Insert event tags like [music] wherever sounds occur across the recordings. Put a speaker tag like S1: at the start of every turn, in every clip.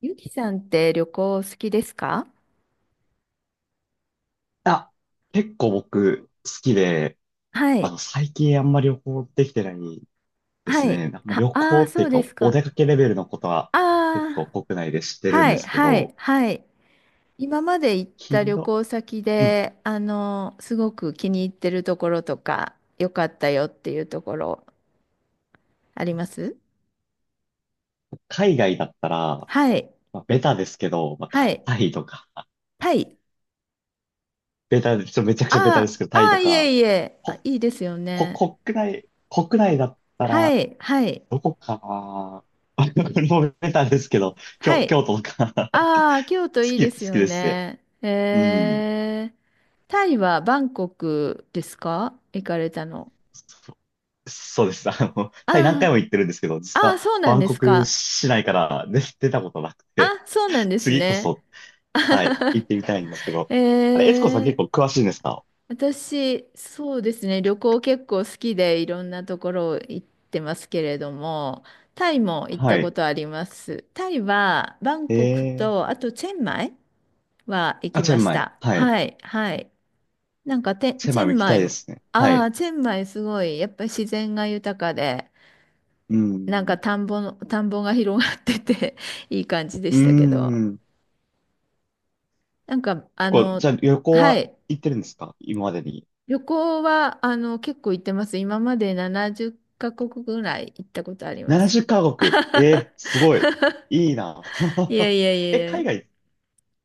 S1: ゆきさんって旅行好きですか？
S2: あ、結構僕好きで、
S1: はい。
S2: 最近あんまり旅行できてないで
S1: は
S2: す
S1: い。
S2: ね。なんか
S1: は、
S2: 旅
S1: あ
S2: 行
S1: あ、
S2: って
S1: そ
S2: いう
S1: う
S2: か
S1: で
S2: お、
S1: す
S2: お
S1: か。
S2: 出かけレベルのことは結
S1: あ
S2: 構
S1: あ、
S2: 国内で知ってるん
S1: は
S2: で
S1: い、
S2: すけ
S1: はい、
S2: ど、
S1: はい。今まで行った
S2: 頻
S1: 旅
S2: 度、
S1: 行先
S2: うん。
S1: で、すごく気に入ってるところとか、良かったよっていうところ、あります？
S2: 海外だったら、
S1: はい、
S2: まあ、ベタですけど、まあ、
S1: は
S2: タ
S1: い、
S2: タイとか、
S1: タイ。
S2: ベタで、ちょっとめちゃくちゃベタで
S1: あ
S2: す
S1: あ、
S2: けど、
S1: あ
S2: タイ
S1: あ、
S2: と
S1: い
S2: か、
S1: えいえ、あ、
S2: こ、
S1: いいですよね。
S2: 国内だった
S1: は
S2: ら、
S1: い、はい、
S2: どこかな。 [laughs] これもうベタですけど、
S1: は
S2: 京、
S1: い。
S2: 京都とか。 [laughs] 好
S1: ああ、京都いい
S2: き、
S1: で
S2: 好
S1: す
S2: き
S1: よ
S2: ですね。
S1: ね。へ
S2: うん。
S1: え。タイはバンコクですか行かれたの？
S2: そうです。タイ何
S1: あ
S2: 回も行ってるんですけど、
S1: あ、
S2: 実
S1: あ
S2: は
S1: あ、そうな
S2: バ
S1: ん
S2: ン
S1: で
S2: コ
S1: す
S2: ク
S1: か。
S2: 市内から出たことなく
S1: あ、
S2: て、
S1: そうなんです
S2: 次こ
S1: ね。
S2: そ、はい、行ってみたいんですけど。あ
S1: え
S2: れ、エツコさん結構
S1: え。
S2: 詳しいんですか？
S1: 私、そうですね。旅行結構好きでいろんなところ行ってますけれども、タイも行っ
S2: は
S1: たこ
S2: い。
S1: とあります。タイはバン
S2: え
S1: コク
S2: え、
S1: と、あとチェンマイは行
S2: あ、
S1: き
S2: チェ
S1: ま
S2: ン
S1: し
S2: マイ。
S1: た。
S2: はい。
S1: はい、はい。なんかて、
S2: チェン
S1: チ
S2: マイ
S1: ェ
S2: も
S1: ン
S2: 行き
S1: マ
S2: たい
S1: イ
S2: で
S1: も、
S2: すね。は
S1: あ
S2: い。
S1: あ、チェンマイすごい、やっぱり自然が豊かで、
S2: うん。
S1: 田んぼが広がってて [laughs] いい感じで
S2: う
S1: したけど、
S2: ん。
S1: なんか、
S2: 結構、じゃあ旅行
S1: は
S2: は
S1: い、
S2: 行ってるんですか今までに？
S1: 旅行は、結構行ってます。今まで70カ国ぐらい行ったことあります。
S2: 70カ国。ええ、
S1: [laughs]
S2: すごい。いいな。
S1: いや
S2: [laughs]
S1: いやい
S2: え、
S1: や
S2: 海
S1: い
S2: 外、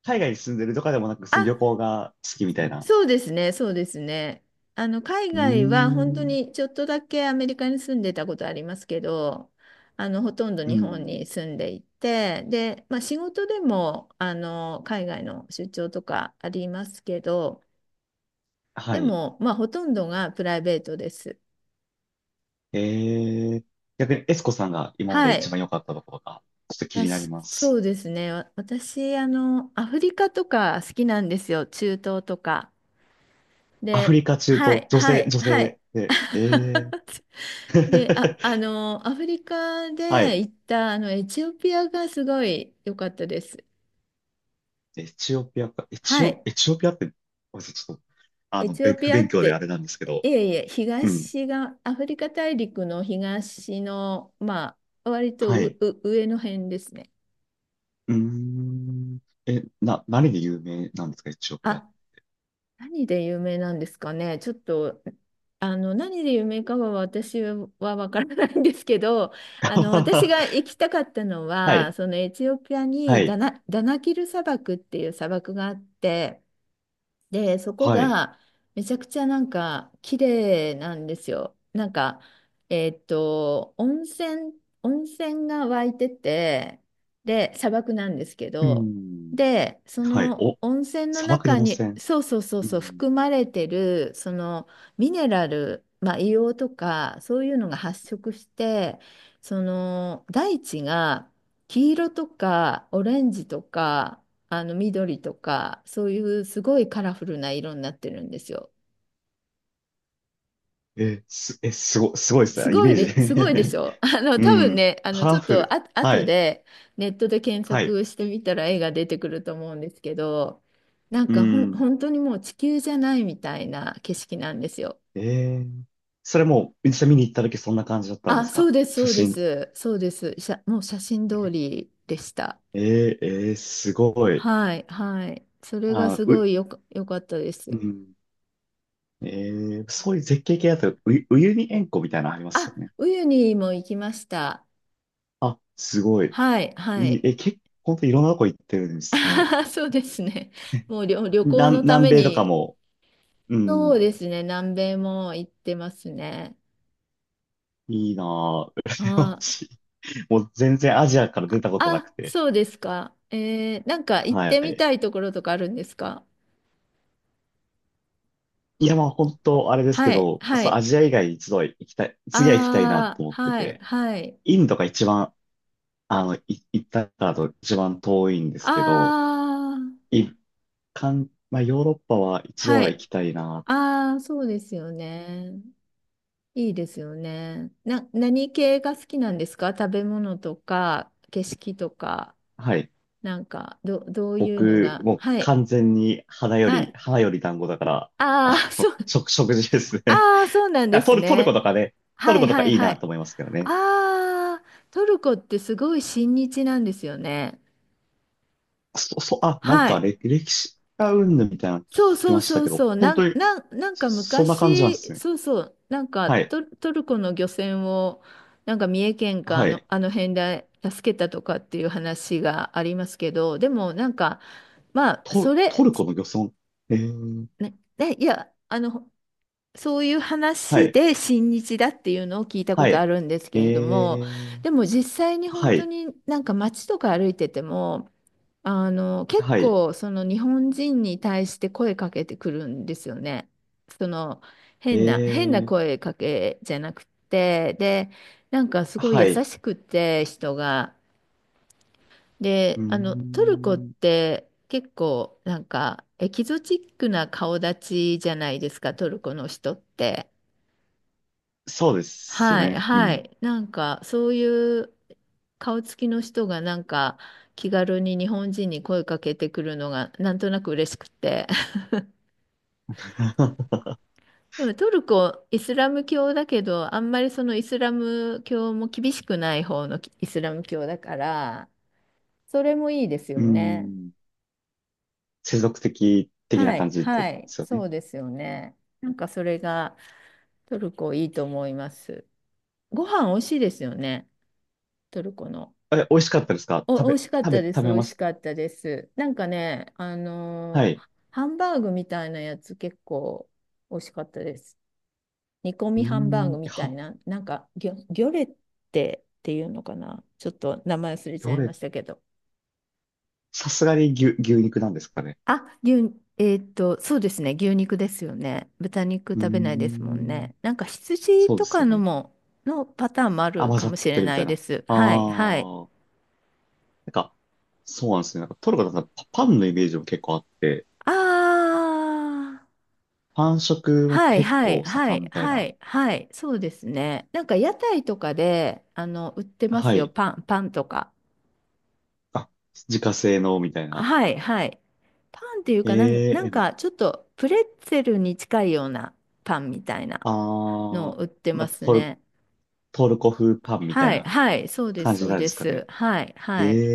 S2: 海外に住んでるとかでもなく、
S1: や。
S2: 旅行が好きみたいな。
S1: そうですね、そうですね。海
S2: うー
S1: 外は本当
S2: ん。
S1: にちょっとだけアメリカに住んでたことありますけど、あの、ほとんど
S2: う
S1: 日本
S2: ん。
S1: に住んでいて、で、まあ、仕事でも、海外の出張とかありますけど、
S2: は
S1: で
S2: い。
S1: も、まあ、ほとんどがプライベートです。
S2: えー、逆にエスコさんが今まで
S1: は
S2: 一
S1: い。
S2: 番良かったところが、ちょっと気になり
S1: 私、
S2: ま
S1: そ
S2: す。
S1: うですね。アフリカとか好きなんですよ。中東とか。
S2: アフリ
S1: で、
S2: カ中
S1: は
S2: 東、
S1: い、
S2: 女
S1: は
S2: 性、
S1: い、
S2: 女
S1: はい。
S2: 性で、えー。
S1: [laughs] で、
S2: [laughs]
S1: アフリカ
S2: は
S1: で
S2: い。
S1: 行った、エチオピアがすごい良かったです。
S2: エチオピアか、エチ
S1: は
S2: オ、
S1: い。
S2: エチオピアって、ごめんなさい、ちょっと、
S1: エチ
S2: べ
S1: オピ
S2: 不
S1: アっ
S2: 勉強であ
S1: て、
S2: れなんですけ
S1: い
S2: ど、
S1: えいえ、
S2: うん。
S1: 東が、アフリカ大陸の東の、割と
S2: は
S1: う、
S2: い。
S1: う、上の辺ですね。
S2: うーん。え、何で有名なんですか、エチオピアって？
S1: あ、何で有名なんですかね。ちょっと、何で有名かは私はわからないんですけど、私が
S2: [laughs]
S1: 行きたかったの
S2: は
S1: は、
S2: い。
S1: そのエチオピア
S2: は
S1: にダ
S2: い。
S1: ナ、ダナキル砂漠っていう砂漠があって、で、そこ
S2: はい。
S1: がめちゃくちゃなんか綺麗なんですよ。なんか、えーっと、温泉、温泉が湧いてて、で、砂漠なんですけ
S2: うー
S1: ど、
S2: ん。
S1: で、そ
S2: はい。
S1: の
S2: お、
S1: 温泉の
S2: 砂漠で
S1: 中
S2: 温
S1: に、
S2: 泉。
S1: そうそうそう
S2: う
S1: そう、
S2: ん。
S1: 含まれてる、そのミネラル、まあ、硫黄とか、そういうのが発色して、その大地が黄色とかオレンジとか、あの緑とかそういうすごいカラフルな色になってるんですよ。
S2: え、す、え、すご、すごいですね。イメー
S1: すごいでし
S2: ジ。
S1: ょ？ [laughs] あ
S2: [laughs]
S1: の、
S2: う
S1: 多分
S2: ん。
S1: ね、あの、
S2: カ
S1: ちょ
S2: ラ
S1: っ
S2: フ
S1: と
S2: ル。
S1: あ、
S2: は
S1: 後
S2: い。
S1: でネットで検
S2: はい。
S1: 索してみたら絵が出てくると思うんですけど、なん
S2: う
S1: かほん、
S2: ん。
S1: 本当にもう地球じゃないみたいな景色なんですよ。
S2: えー、それも、実際見に行った時そんな感じだったんで
S1: あ、
S2: す
S1: そ
S2: か？
S1: うです、そ
S2: 写
S1: うで
S2: 真。
S1: す、そうです。もう写真通りでした。
S2: えー、えー、すごい。
S1: はい、はい。それが
S2: あ、
S1: すご
S2: う、
S1: いよか、よかったで
S2: う
S1: す。
S2: ん。えー、そういう絶景系だと、ウユニ塩湖みたいなのありますよ
S1: あ、
S2: ね。
S1: ウユニも行きました。
S2: あ、すごい。
S1: はい、は
S2: いい、
S1: い。
S2: え、結構、ほんといろんなとこ行ってるんですね。
S1: [laughs] そうですね。
S2: [laughs]
S1: もう旅行
S2: 南、
S1: のた
S2: 南
S1: め
S2: 米とか
S1: に、
S2: も、う
S1: そ
S2: ん、
S1: うですね。南米も行ってますね。
S2: いいなぁ。羨ま
S1: あー
S2: しい。もう全然アジアから出たことなく
S1: あ、
S2: て。
S1: そうですか。えー、なんか行っ
S2: は
S1: てみ
S2: い。
S1: たいところとかあるんですか？
S2: いや、まあ本当あれですけ
S1: はい、
S2: ど、
S1: は
S2: そう、ア
S1: い。
S2: ジア以外一度は行きたい、次は行きたいな
S1: あ
S2: と
S1: あ、
S2: 思って
S1: はい、
S2: て、
S1: はい。
S2: インドが一番、あの、い行ったからと一番遠いんです
S1: あ
S2: けど、一まあヨーロッパは
S1: あ、
S2: 一度
S1: は
S2: は行
S1: い。
S2: きたいな
S1: ああ、そうですよね。いいですよね。何系が好きなんですか？食べ物とか、景色とか、
S2: と。はい。
S1: なんか、どういうの
S2: 僕、
S1: が。
S2: もう
S1: はい。
S2: 完全に花よ
S1: は
S2: り、
S1: い。
S2: 花より団子だから、
S1: ああ、[laughs] そう、
S2: 食事ですね。
S1: ああ、そう
S2: [laughs]
S1: なんで
S2: あ、ト
S1: す
S2: ル、トルコ
S1: ね。
S2: とかね、ト
S1: は
S2: ル
S1: い
S2: コとか
S1: はい
S2: いい
S1: は
S2: なと
S1: い。
S2: 思いますけどね。
S1: ああ、トルコってすごい親日なんですよね。
S2: あ、なん
S1: は
S2: か
S1: い。
S2: 歴史がうんぬんみたいなの聞
S1: そう
S2: き
S1: そう
S2: ました
S1: そう
S2: けど、
S1: そう。
S2: 本当に
S1: なんか
S2: そんな感じなんで
S1: 昔、
S2: すね。
S1: そうそう。なんか
S2: はい。
S1: ト、トルコの漁船を、なんか三重県か
S2: はい。
S1: あの辺で助けたとかっていう話がありますけど、でもなんか、まあ、
S2: ト、
S1: そ
S2: ト
S1: れ、
S2: ルコの漁村。えー、
S1: ね、ね、いや、そういう
S2: は
S1: 話
S2: い。
S1: で親日だっていうのを聞いたこ
S2: は
S1: とあ
S2: い。
S1: るんです
S2: え
S1: けれども、
S2: ー、
S1: でも実際に本
S2: は
S1: 当
S2: い。
S1: になんか街とか歩いてても、結
S2: はい。
S1: 構その日本人に対して声かけてくるんですよね。その
S2: え
S1: 変な
S2: ー、
S1: 声かけじゃなくて、で、なんかすごい
S2: は
S1: 優
S2: い。
S1: しくて人が。
S2: うー
S1: で、トルコっ
S2: ん。
S1: て結構なんかエキゾチックな顔立ちじゃないですか、トルコの人って。
S2: そうです
S1: はい、
S2: ね。う
S1: は
S2: ん。
S1: い。なんか、そういう顔つきの人が、なんか、気軽に日本人に声かけてくるのが、なんとなく嬉しくて。[laughs]
S2: [laughs]
S1: でも、トルコ、イスラム教だけど、あんまりそのイスラム教も厳しくない方のイスラム教だから、それもいいですよ
S2: う
S1: ね。
S2: ん。世俗的的な
S1: は
S2: 感
S1: い、
S2: じと
S1: は
S2: で
S1: い。
S2: すよ
S1: そ
S2: ね。
S1: うですよね。なんか、それが、トルコいいと思います。ご飯美味しいですよね、トルコの。
S2: え、美味しかったですか？
S1: お、
S2: 食
S1: 美
S2: べ、
S1: 味しかっ
S2: 食べ、
S1: たで
S2: 食
S1: す。美
S2: べま
S1: 味し
S2: す。
S1: かったです。なんかね、あ
S2: は
S1: の
S2: い。
S1: ーハンバーグみたいなやつ結構美味しかったです。煮込
S2: う
S1: み
S2: ー
S1: ハンバー
S2: ん。
S1: グみたい
S2: は、
S1: な、なんかギョレッテっていうのかな。ちょっと名前忘れちゃ
S2: ど
S1: いま
S2: れ、
S1: したけど。
S2: さすがに牛肉なんですかね。
S1: あ、牛、えーっと、そうですね。牛肉ですよね。豚肉
S2: うー
S1: 食べないですもん
S2: ん。
S1: ね。なんか羊
S2: そうで
S1: と
S2: す
S1: か
S2: よ
S1: の
S2: ね。
S1: も、のパターンもあ
S2: あ、
S1: る
S2: 混
S1: か
S2: ざ
S1: も
S2: っ
S1: し
S2: て
S1: れ
S2: るみ
S1: な
S2: た
S1: い
S2: い
S1: で
S2: な。
S1: す。はい、はい。
S2: ああ。なんか、そうなんですね。なんかトルコだとパンのイメージも結構あって、
S1: あー。
S2: パン食も
S1: はい
S2: 結
S1: はい
S2: 構
S1: は
S2: 盛ん
S1: い
S2: みたい
S1: は
S2: な。
S1: いはい、そうですね。なんか屋台とかで、売ってま
S2: は
S1: すよ、
S2: い。
S1: パンとか。
S2: あ、自家製のみたいな。
S1: はいはい。パンっていうか
S2: え
S1: なん
S2: え、め
S1: かちょっとプレッツェルに近いようなパンみたいな
S2: あ
S1: の
S2: ー、
S1: を売って
S2: まあ、
S1: ます
S2: トル、
S1: ね。
S2: トルコ風パンみたい
S1: はい
S2: な
S1: はいそうで
S2: 感
S1: す
S2: じ
S1: そう
S2: なんで
S1: で
S2: すか
S1: す
S2: ね。
S1: はい
S2: え
S1: はい。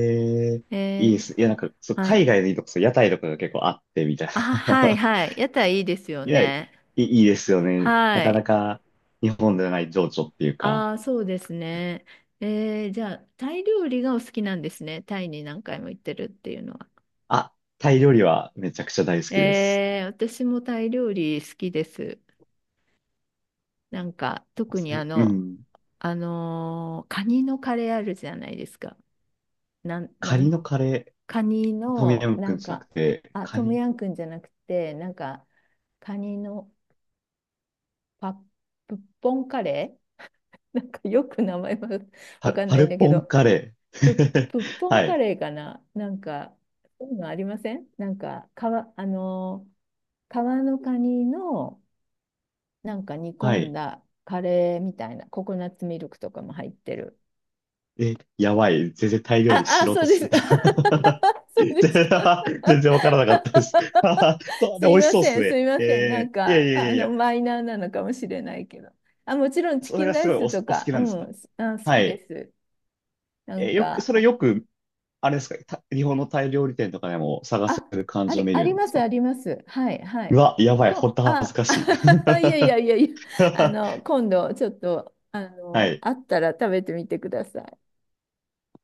S2: え。い
S1: え
S2: いで
S1: ー、
S2: す。いや、なんか、そう、
S1: はい。
S2: 海外のいいとこ、そう、屋台とかが結構あってみたい
S1: あはい
S2: な。
S1: はい屋台いいです
S2: [laughs]
S1: よ
S2: いや、い
S1: ね。
S2: い、いいですよ
S1: は
S2: ね。なか
S1: い。
S2: なか日本ではない情緒っていうか。
S1: ああ、そうですね。えー、じゃあ、タイ料理がお好きなんですね。タイに何回も行ってるっていうのは。
S2: あ、タイ料理はめちゃくちゃ大好きです。
S1: えー、私もタイ料理好きです。なんか、特に
S2: は
S1: あ
S2: い、う
S1: の、
S2: ん。
S1: あのーカニのカレーあるじゃないですか。なん、
S2: カ
S1: な
S2: ニ
S1: ん、
S2: のカレ
S1: カニ
S2: ー、トムヤ
S1: の、
S2: ムク
S1: な
S2: ン
S1: ん
S2: じゃなく
S1: か、
S2: て、
S1: あ、
S2: カ
S1: トム
S2: ニ、
S1: ヤンクンじゃなくて、なんか、カニのパップッポンカレー [laughs] なんかよく名前は [laughs] わ
S2: パ、
S1: かん
S2: パ
S1: ないん
S2: ル
S1: だけ
S2: ポン
S1: ど。
S2: カレー。
S1: ぶっ
S2: [laughs]
S1: ぽん
S2: は
S1: カ
S2: い。
S1: レーかななんか、そういうのありません？なんか、皮、あの皮のカニの、なんか煮
S2: は
S1: 込ん
S2: い。
S1: だカレーみたいな、ココナッツミルクとかも入ってる。
S2: え、やばい。全然タイ料理
S1: あ、あ、
S2: 素
S1: そ
S2: 人
S1: うで
S2: すぎ
S1: す。
S2: た。
S1: [laughs]
S2: [laughs]
S1: そうですか。
S2: 全然わからなかったです。
S1: [laughs]
S2: [laughs] そう、
S1: す
S2: で、美
S1: い
S2: 味し
S1: ま
S2: そうっ
S1: せ
S2: す
S1: ん、す
S2: ね。
S1: いません。なん
S2: えー、いやい
S1: か、
S2: やいやいや。
S1: マイナーなのかもしれないけど。あ、もちろんチ
S2: そ
S1: キ
S2: れ
S1: ン
S2: が
S1: ラ
S2: す
S1: イ
S2: ごいお、
S1: ス
S2: お
S1: と
S2: 好
S1: か、
S2: きなんです
S1: う
S2: か？
S1: ん、好
S2: は
S1: きで
S2: い。
S1: す。な
S2: え、
S1: ん
S2: よく、
S1: か、
S2: それよく、あれですか、日本のタイ料理店とかでも探せ
S1: あ、
S2: る感じのメニ
S1: あ
S2: ュー
S1: り
S2: なんで
S1: ま
S2: す
S1: す、あ
S2: か？
S1: ります。はい、は
S2: う
S1: い。
S2: わ、やばい。ほん
S1: こ、
S2: と恥ず
S1: あ、
S2: かしい。
S1: [laughs] いやいやいや
S2: [laughs]
S1: いや、今度、ちょっと、
S2: はい。
S1: あったら食べてみてください。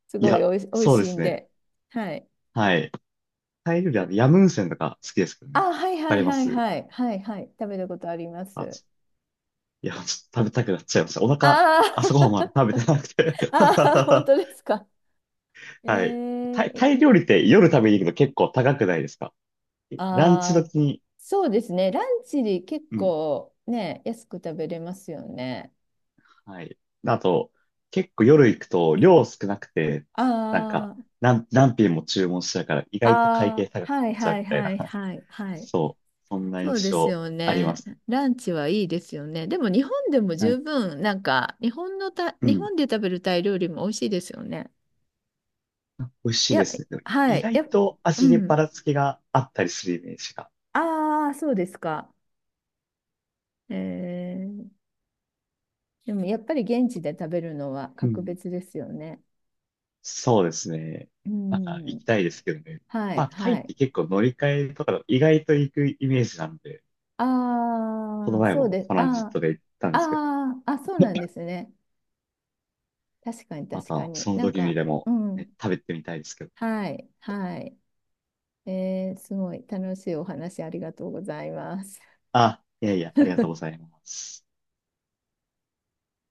S1: す
S2: い
S1: ごい
S2: や、
S1: おいし、おい
S2: そうで
S1: しい
S2: す
S1: ん
S2: ね。
S1: で。はい。
S2: はい。タイ料理は、ヤムウンセンとか好きですけどね。
S1: あ、はい
S2: わか
S1: はい
S2: りま
S1: はい
S2: す。
S1: はい。はいはい。食べたことありま
S2: あ、
S1: す。
S2: ちいや、ちょっと食べたくなっちゃいました。お腹、朝ごはんま
S1: あ
S2: だ食べてなくて。
S1: あ、[laughs] ああ、本
S2: [laughs]
S1: 当ですか。え
S2: はい。タイ、
S1: ー、
S2: タイ料理って夜食べに行くの結構高くないですか？ランチ
S1: ああ、
S2: 時に、
S1: そうですね。ランチに結
S2: うん。
S1: 構ね、安く食べれますよね。
S2: はい。あと、結構夜行くと量少なくて、なんか、
S1: ああ、
S2: 何品も注文しちゃうから、意外と会
S1: あ
S2: 計
S1: あ、
S2: 高くな
S1: は
S2: っ
S1: い
S2: ちゃう
S1: は
S2: み
S1: い
S2: たい
S1: は
S2: な。
S1: い
S2: [laughs]
S1: はいはい。
S2: そう。そんな
S1: そう
S2: 印
S1: です
S2: 象
S1: よ
S2: ありま
S1: ね。
S2: す。
S1: ランチはいいですよね。でも日本でも
S2: は
S1: 十
S2: い、
S1: 分、なんか、
S2: う
S1: 日
S2: ん。
S1: 本で食べるタイ料理も美味しいですよね。
S2: あ、美味し
S1: い
S2: いで
S1: や、
S2: すね。でも
S1: は
S2: 意
S1: い。
S2: 外
S1: やっ、
S2: と
S1: う
S2: 味に
S1: ん。
S2: ばらつきがあったりするイメージが。
S1: ああ、そうですか。えー、でもやっぱり現地で食べるのは
S2: う
S1: 格
S2: ん。
S1: 別ですよね。
S2: そうですね。
S1: う
S2: また行
S1: ん。
S2: きたいですけどね。
S1: は
S2: ま
S1: い
S2: あ、タイ
S1: は
S2: って
S1: い。
S2: 結構乗り換えとか意外と行くイメージなんで、この
S1: ああ、
S2: 前
S1: そう
S2: も
S1: です。
S2: トランジッ
S1: あ
S2: トで行ったん
S1: あ、
S2: ですけど、
S1: ああ、あ、そうなんですね。確かに
S2: ま
S1: 確か
S2: た
S1: に。
S2: その
S1: なん
S2: 時に
S1: か、
S2: でも、
S1: うん。
S2: ね、食べてみたいですけど。
S1: はい、はい。えーすごい楽しいお話ありがとうございます。
S2: あ、いやいや、ありがとうござ
S1: [laughs]
S2: います。